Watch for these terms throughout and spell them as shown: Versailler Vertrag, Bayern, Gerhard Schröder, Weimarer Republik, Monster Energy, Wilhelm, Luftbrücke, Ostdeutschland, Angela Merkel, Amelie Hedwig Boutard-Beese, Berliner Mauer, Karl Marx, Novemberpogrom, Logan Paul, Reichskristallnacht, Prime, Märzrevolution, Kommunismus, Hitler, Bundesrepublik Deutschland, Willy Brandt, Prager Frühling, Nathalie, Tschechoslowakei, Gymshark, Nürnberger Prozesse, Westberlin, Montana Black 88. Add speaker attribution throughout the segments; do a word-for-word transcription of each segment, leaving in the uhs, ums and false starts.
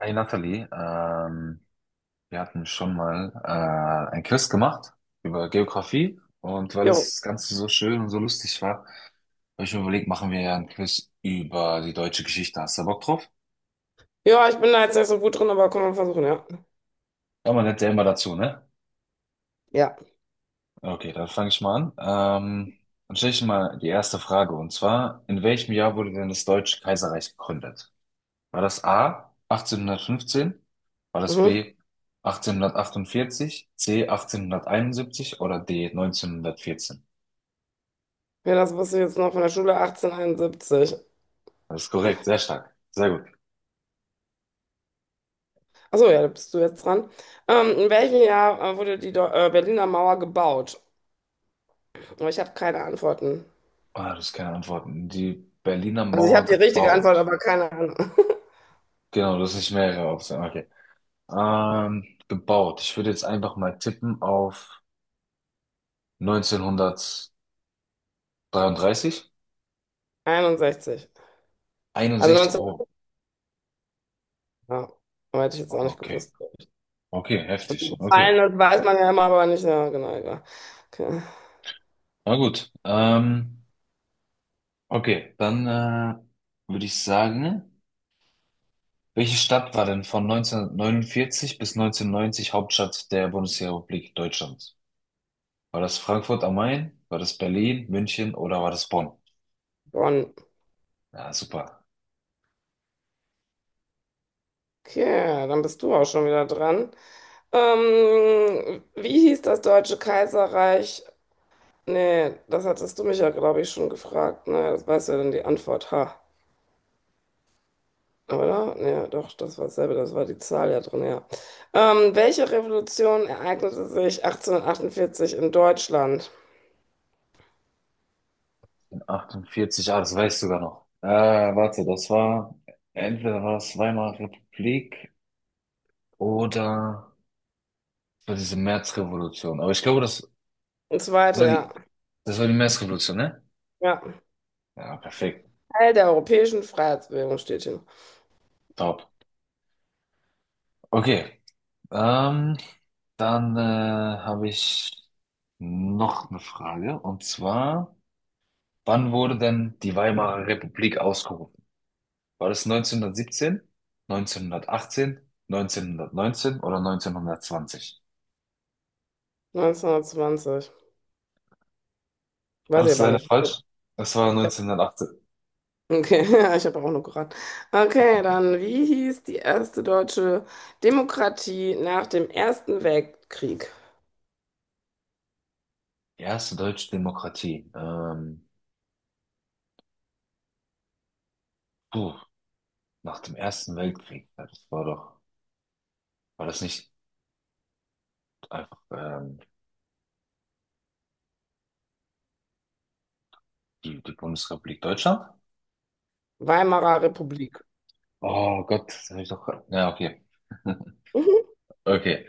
Speaker 1: Hey Nathalie, ähm, wir hatten schon mal äh, ein Quiz gemacht über Geografie, und weil
Speaker 2: Jo.
Speaker 1: das Ganze so schön und so lustig war, habe ich mir überlegt, machen wir ja ein Quiz über die deutsche Geschichte. Hast du Bock drauf?
Speaker 2: Ja, ich bin da jetzt nicht so gut drin, aber kann man versuchen, ja.
Speaker 1: Ja, man lernt ja immer dazu, ne?
Speaker 2: Ja.
Speaker 1: Okay, dann fange ich mal an. Ähm, dann stelle ich mal die erste Frage, und zwar, in welchem Jahr wurde denn das Deutsche Kaiserreich gegründet? War das A achtzehnhundertfünfzehn? War das
Speaker 2: Mhm.
Speaker 1: B achtzehnhundertachtundvierzig, C achtzehnhunderteinundsiebzig oder D neunzehnhundertvierzehn?
Speaker 2: Ja, das wusste ich jetzt noch von der Schule achtzehnhunderteinundsiebzig.
Speaker 1: Das ist korrekt, sehr stark, sehr gut.
Speaker 2: Achso, ja, da bist du jetzt dran. Ähm, in welchem Jahr äh, wurde die Deu- äh, Berliner Mauer gebaut? Aber Ich habe keine Antworten.
Speaker 1: Ah, das ist keine Antwort. Die Berliner
Speaker 2: Also ich
Speaker 1: Mauer
Speaker 2: habe die richtige Antwort,
Speaker 1: gebaut.
Speaker 2: aber keine Ahnung.
Speaker 1: Genau, das ist nicht mehrere Optionen. Okay. Ähm, gebaut. Ich würde jetzt einfach mal tippen auf neunzehnhundertdreiunddreißig.
Speaker 2: einundsechzig. Also
Speaker 1: einundsechzig.
Speaker 2: neunzehn.
Speaker 1: Oh,
Speaker 2: Ja, aber hätte ich jetzt auch nicht
Speaker 1: okay.
Speaker 2: gewusst. glaub ich.
Speaker 1: Okay, heftig.
Speaker 2: Gefallen,
Speaker 1: Okay.
Speaker 2: das weiß man ja immer, aber nicht. Ja, genau, egal. Okay.
Speaker 1: Na gut. Ähm, okay, dann äh, würde ich sagen. Welche Stadt war denn von neunzehnhundertneunundvierzig bis neunzehnhundertneunzig Hauptstadt der Bundesrepublik Deutschland? War das Frankfurt am Main? War das Berlin, München oder war das Bonn?
Speaker 2: Bonn.
Speaker 1: Ja, super.
Speaker 2: Okay, dann bist du auch schon wieder dran. Ähm, wie hieß das Deutsche Kaiserreich? Nee, das hattest du mich ja, glaube ich, schon gefragt. Ne, das weißt du ja dann die Antwort. Ha. Oder? Nee, doch, das war dasselbe, das war die Zahl ja drin, ja. Ähm, welche Revolution ereignete sich achtzehnhundertachtundvierzig in Deutschland?
Speaker 1: achtundvierzig, ah, das weißt du sogar noch. Äh, warte, das war, entweder war es Weimarer Republik oder das war diese Märzrevolution. Aber ich glaube, das,
Speaker 2: Eine
Speaker 1: das
Speaker 2: zweite,
Speaker 1: war
Speaker 2: ja.
Speaker 1: die, das war die Märzrevolution, ne?
Speaker 2: Ja.
Speaker 1: Ja, perfekt.
Speaker 2: Teil der europäischen Freiheitsbewegung steht hier.
Speaker 1: Top. Okay. Ähm, dann äh, habe ich noch eine Frage, und zwar, wann wurde denn die Weimarer Republik ausgerufen? War das neunzehnhundertsiebzehn, neunzehnhundertachtzehn, neunzehnhundertneunzehn oder neunzehnhundertzwanzig?
Speaker 2: neunzehnhundertzwanzig. Weiß
Speaker 1: Das
Speaker 2: ich
Speaker 1: ist
Speaker 2: aber
Speaker 1: leider
Speaker 2: nicht.
Speaker 1: falsch. Das war neunzehnhundertachtzehn.
Speaker 2: Okay, ja, ich habe auch nur geraten. Okay, dann, wie hieß die erste deutsche Demokratie nach dem Ersten Weltkrieg?
Speaker 1: Erste deutsche Demokratie. Ähm, puh, nach dem Ersten Weltkrieg. Ja, das war doch, war das nicht einfach ähm, die, die Bundesrepublik Deutschland?
Speaker 2: Weimarer Republik.
Speaker 1: Oh Gott, das habe ich doch. Ja, okay.
Speaker 2: Mhm.
Speaker 1: Okay.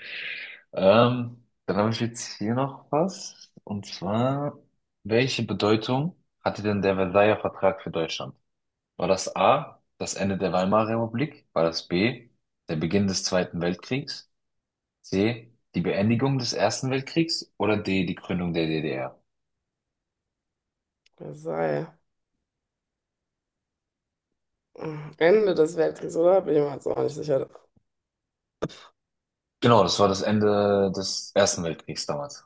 Speaker 1: Ähm, dann habe ich jetzt hier noch was. Und zwar, welche Bedeutung hatte denn der Versailler Vertrag für Deutschland? War das A, das Ende der Weimarer Republik? War das B, der Beginn des Zweiten Weltkriegs? C, die Beendigung des Ersten Weltkriegs? Oder D, die Gründung der D D R?
Speaker 2: Versailles. Ende des Weltkriegs, oder? Bin ich mir jetzt auch nicht sicher.
Speaker 1: Genau, das war das Ende des Ersten Weltkriegs damals.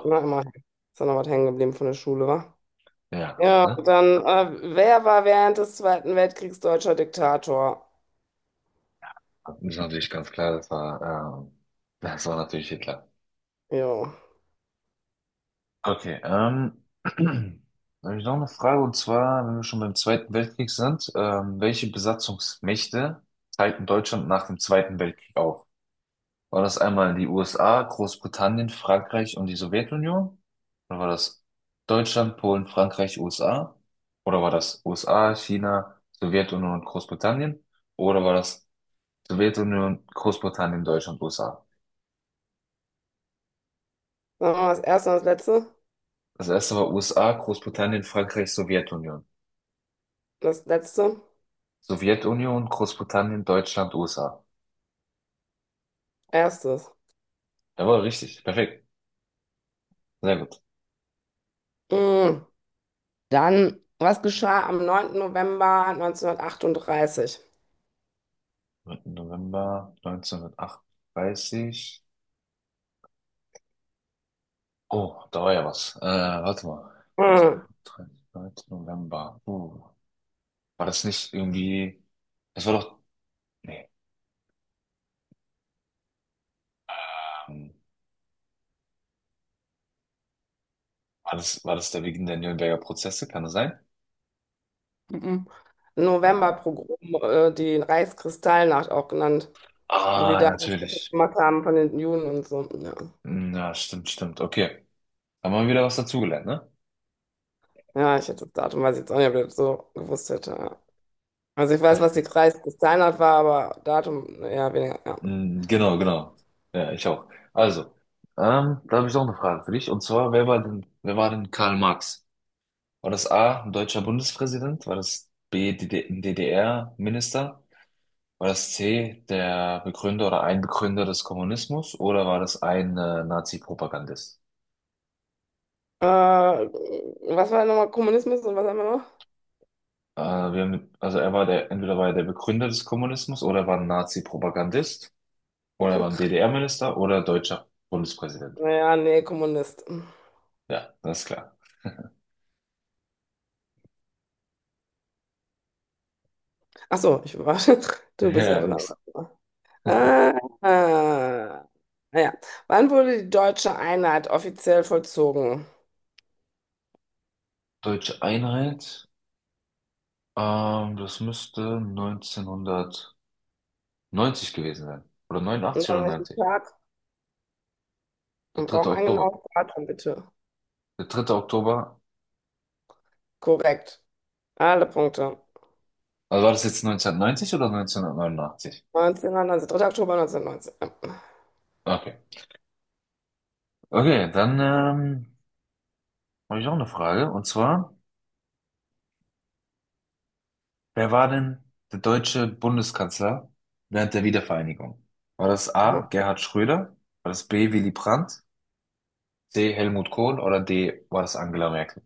Speaker 2: Na, immerhin. Ist da noch was hängen geblieben von der Schule, wa?
Speaker 1: ja.
Speaker 2: Ja,
Speaker 1: Ne?
Speaker 2: dann, äh, wer war während des Zweiten Weltkriegs deutscher Diktator?
Speaker 1: Das ist natürlich ganz klar, das war, ähm, das war natürlich Hitler.
Speaker 2: Jo.
Speaker 1: Okay, ähm, da habe ich noch eine Frage, und zwar, wenn wir schon beim Zweiten Weltkrieg sind, ähm, welche Besatzungsmächte teilten Deutschland nach dem Zweiten Weltkrieg auf? War das einmal die U S A, Großbritannien, Frankreich und die Sowjetunion? Oder war das Deutschland, Polen, Frankreich, U S A? Oder war das U S A, China, Sowjetunion und Großbritannien? Oder war das Sowjetunion, Großbritannien, Deutschland, U S A?
Speaker 2: Sagen wir mal das erste und das letzte?
Speaker 1: Das erste war U S A, Großbritannien, Frankreich, Sowjetunion.
Speaker 2: Das letzte?
Speaker 1: Sowjetunion, Großbritannien, Deutschland, U S A.
Speaker 2: Erstes.
Speaker 1: Jawohl, richtig. Perfekt. Sehr gut.
Speaker 2: Mm. Dann, was geschah am neunten November neunzehnhundertachtunddreißig?
Speaker 1: dritter November neunzehnhundertachtunddreißig. Oh, da war ja was. Äh, warte mal.
Speaker 2: Hm.
Speaker 1: dritter November. Uh, war das nicht irgendwie. Das war doch. Nee. Ähm, war das, war das der Beginn der Nürnberger Prozesse? Kann das sein?
Speaker 2: Mhm.
Speaker 1: Äh,
Speaker 2: Novemberpogrom, äh, die Reichskristallnacht auch genannt, wo die
Speaker 1: ah,
Speaker 2: da das kaputt
Speaker 1: natürlich.
Speaker 2: gemacht haben von den Juden und so. Ja,
Speaker 1: Hm, ja, stimmt, stimmt. Okay. Haben wir wieder was dazugelernt, ne?
Speaker 2: ja, ich hätte das Datum, weiß ich jetzt auch nicht, ob ich das so gewusst hätte. Ja. Also ich weiß, was die Reichskristallnacht war, aber Datum eher weniger.
Speaker 1: Mm, genau, genau. Ja, ich auch. Also, ähm, da habe ich auch eine Frage für dich. Und zwar, wer war denn, wer war denn Karl Marx? War das A, ein deutscher Bundespräsident? War das B, D D ein D D R-Minister? War das C, der Begründer oder ein Begründer des Kommunismus? Oder war das ein äh, Nazi-Propagandist?
Speaker 2: Ja. Äh, was war nochmal Kommunismus und was haben wir noch?
Speaker 1: Äh, wir haben, also er war der, entweder war er der Begründer des Kommunismus oder er war ein Nazi-Propagandist oder er war ein D D R-Minister oder deutscher Bundespräsident.
Speaker 2: Naja, nee, Kommunist.
Speaker 1: Ja, das ist klar.
Speaker 2: Ach so, ich war, du bist ja
Speaker 1: Ja,
Speaker 2: dran.
Speaker 1: das ist
Speaker 2: Ah, ah. ja. Wann wurde die deutsche Einheit offiziell vollzogen?
Speaker 1: deutsche Einheit. Ähm, das müsste neunzehnhundertneunzig gewesen sein. Oder
Speaker 2: Und
Speaker 1: neunundachtzig oder
Speaker 2: an welchem
Speaker 1: neunzig.
Speaker 2: Tag?
Speaker 1: Der
Speaker 2: Wir
Speaker 1: dritte
Speaker 2: brauchen ein
Speaker 1: Oktober.
Speaker 2: genaues Datum, bitte.
Speaker 1: Der dritte Oktober.
Speaker 2: Korrekt. Alle Punkte.
Speaker 1: Also war das jetzt neunzehnhundertneunzig oder neunzehnhundertneunundachtzig?
Speaker 2: neunzehn, neunzehn, dritten Oktober neunzehnhundertneunzehn. Ja.
Speaker 1: Okay. Okay, dann ähm, habe ich auch eine Frage. Und zwar, wer war denn der deutsche Bundeskanzler während der Wiedervereinigung? War das
Speaker 2: Aha.
Speaker 1: A. Gerhard Schröder? War das B. Willy Brandt? C. Helmut Kohl? Oder D. war das Angela Merkel?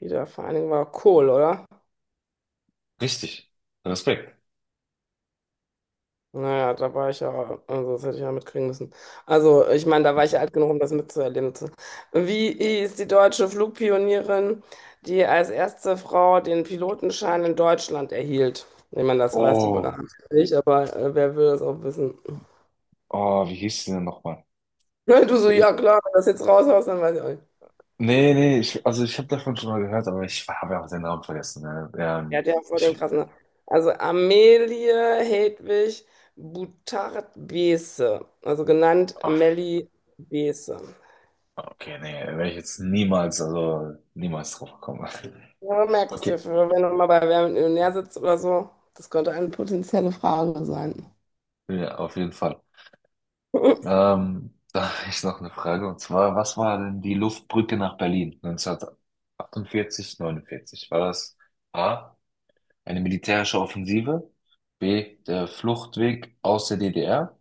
Speaker 2: Wiedervereinigung war Kohl, oder?
Speaker 1: Richtig. Respekt.
Speaker 2: Naja, da war ich ja, also das hätte ich ja mitkriegen müssen. Also, ich meine, da war ich ja alt genug, um das mitzuerleben. zu- Wie ist die deutsche Flugpionierin, die als erste Frau den Pilotenschein in Deutschland erhielt? Ich meine, das weißt du
Speaker 1: Oh,
Speaker 2: bereits nicht, aber äh, wer will das auch wissen?
Speaker 1: oh, wie hieß sie denn nochmal?
Speaker 2: Du so,
Speaker 1: Ich,
Speaker 2: ja klar, wenn du das jetzt raushaust, dann weiß ich auch nicht.
Speaker 1: nee, nee, ich, also ich habe davon schon mal gehört, aber ich habe ja auch den Namen vergessen. Ne?
Speaker 2: Ja,
Speaker 1: Ähm,
Speaker 2: der hat voll den
Speaker 1: ich,
Speaker 2: krassen. Namen. Also, Amelie Hedwig Boutard-Beese, also genannt
Speaker 1: ach,
Speaker 2: Melli Beese.
Speaker 1: okay, nee, werde ich jetzt niemals, also niemals drauf kommen.
Speaker 2: Ja, merkst du,
Speaker 1: Okay,
Speaker 2: für- wenn du mal bei Wer wird Millionär sitzt oder so, das könnte eine potenzielle Frage sein.
Speaker 1: ja, auf jeden Fall. Ähm, da habe ich noch eine Frage, und zwar, was war denn die Luftbrücke nach Berlin neunzehnhundertachtundvierzig, neunundvierzig? War das A, eine militärische Offensive, B, der Fluchtweg aus der D D R,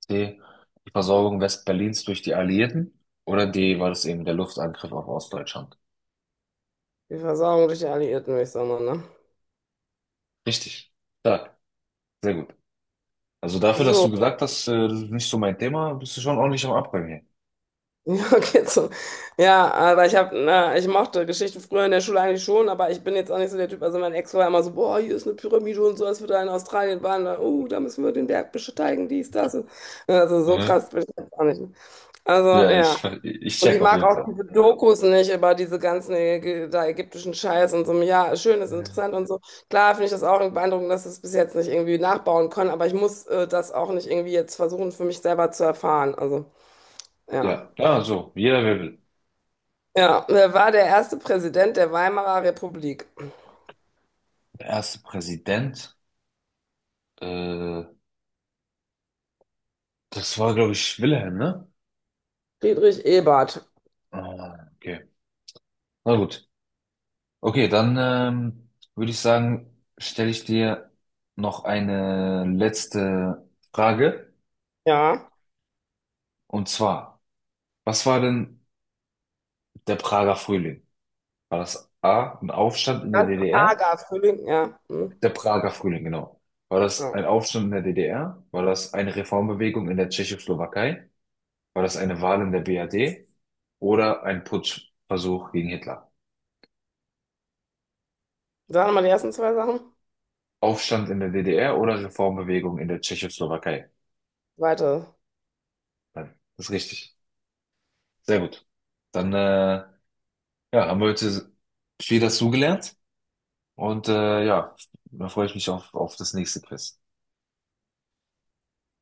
Speaker 1: C. Die Versorgung Westberlins durch die Alliierten. Oder D. war das eben der Luftangriff auf Ostdeutschland?
Speaker 2: Die Versorgung durch die Alliierten, würde ich sagen, ne?
Speaker 1: Richtig. Stark. Sehr gut. Also dafür, dass
Speaker 2: So,
Speaker 1: du gesagt hast, äh, das ist nicht so mein Thema, bist du schon ordentlich am Abräumen hier.
Speaker 2: ja, geht so. Ja, aber ich habe, na, ich mochte Geschichte früher in der Schule eigentlich schon, aber ich bin jetzt auch nicht so der Typ. Also mein Ex war immer so, boah, hier ist eine Pyramide und so, als wir da in Australien waren, da, oh, da müssen wir den Berg besteigen, dies, das. Und, also so
Speaker 1: Mhm.
Speaker 2: krass bin ich jetzt auch nicht. Also
Speaker 1: Ja,
Speaker 2: ja.
Speaker 1: ich, ich
Speaker 2: Und ich
Speaker 1: check auf
Speaker 2: mag
Speaker 1: jeden
Speaker 2: auch
Speaker 1: Fall.
Speaker 2: diese Dokus nicht über diese ganzen Ägy- da ägyptischen Scheiß und so. Ja, schön, ist
Speaker 1: Mhm.
Speaker 2: interessant und so. Klar finde ich das auch beeindruckend, dass sie es bis jetzt nicht irgendwie nachbauen können, aber ich muss äh, das auch nicht irgendwie jetzt versuchen, für mich selber zu erfahren. Also, ja.
Speaker 1: Ja, ja, so, jeder wer will.
Speaker 2: Ja, wer war der erste Präsident der Weimarer Republik?
Speaker 1: Der erste Präsident, äh, das war, glaube ich, Wilhelm, ne?
Speaker 2: Friedrich Ebert.
Speaker 1: Ah, okay. Na gut. Okay, dann ähm, würde ich sagen, stelle ich dir noch eine letzte Frage.
Speaker 2: Ja.
Speaker 1: Und zwar, was war denn der Prager Frühling? War das A, ein Aufstand in der
Speaker 2: Das
Speaker 1: D D R?
Speaker 2: Prager Frühling, ja. Hm.
Speaker 1: Der Prager Frühling, genau. War das
Speaker 2: Ja.
Speaker 1: ein Aufstand in der D D R? War das eine Reformbewegung in der Tschechoslowakei? War das eine Wahl in der B R D? Oder ein Putschversuch gegen Hitler?
Speaker 2: Sagen wir mal die ersten zwei Sachen.
Speaker 1: Aufstand in der D D R oder Reformbewegung in der Tschechoslowakei?
Speaker 2: Weiter.
Speaker 1: Nein, das ist richtig. Sehr gut. Dann äh, ja, haben wir heute viel dazugelernt, und äh, ja, da freue ich mich auf, auf das nächste Quiz.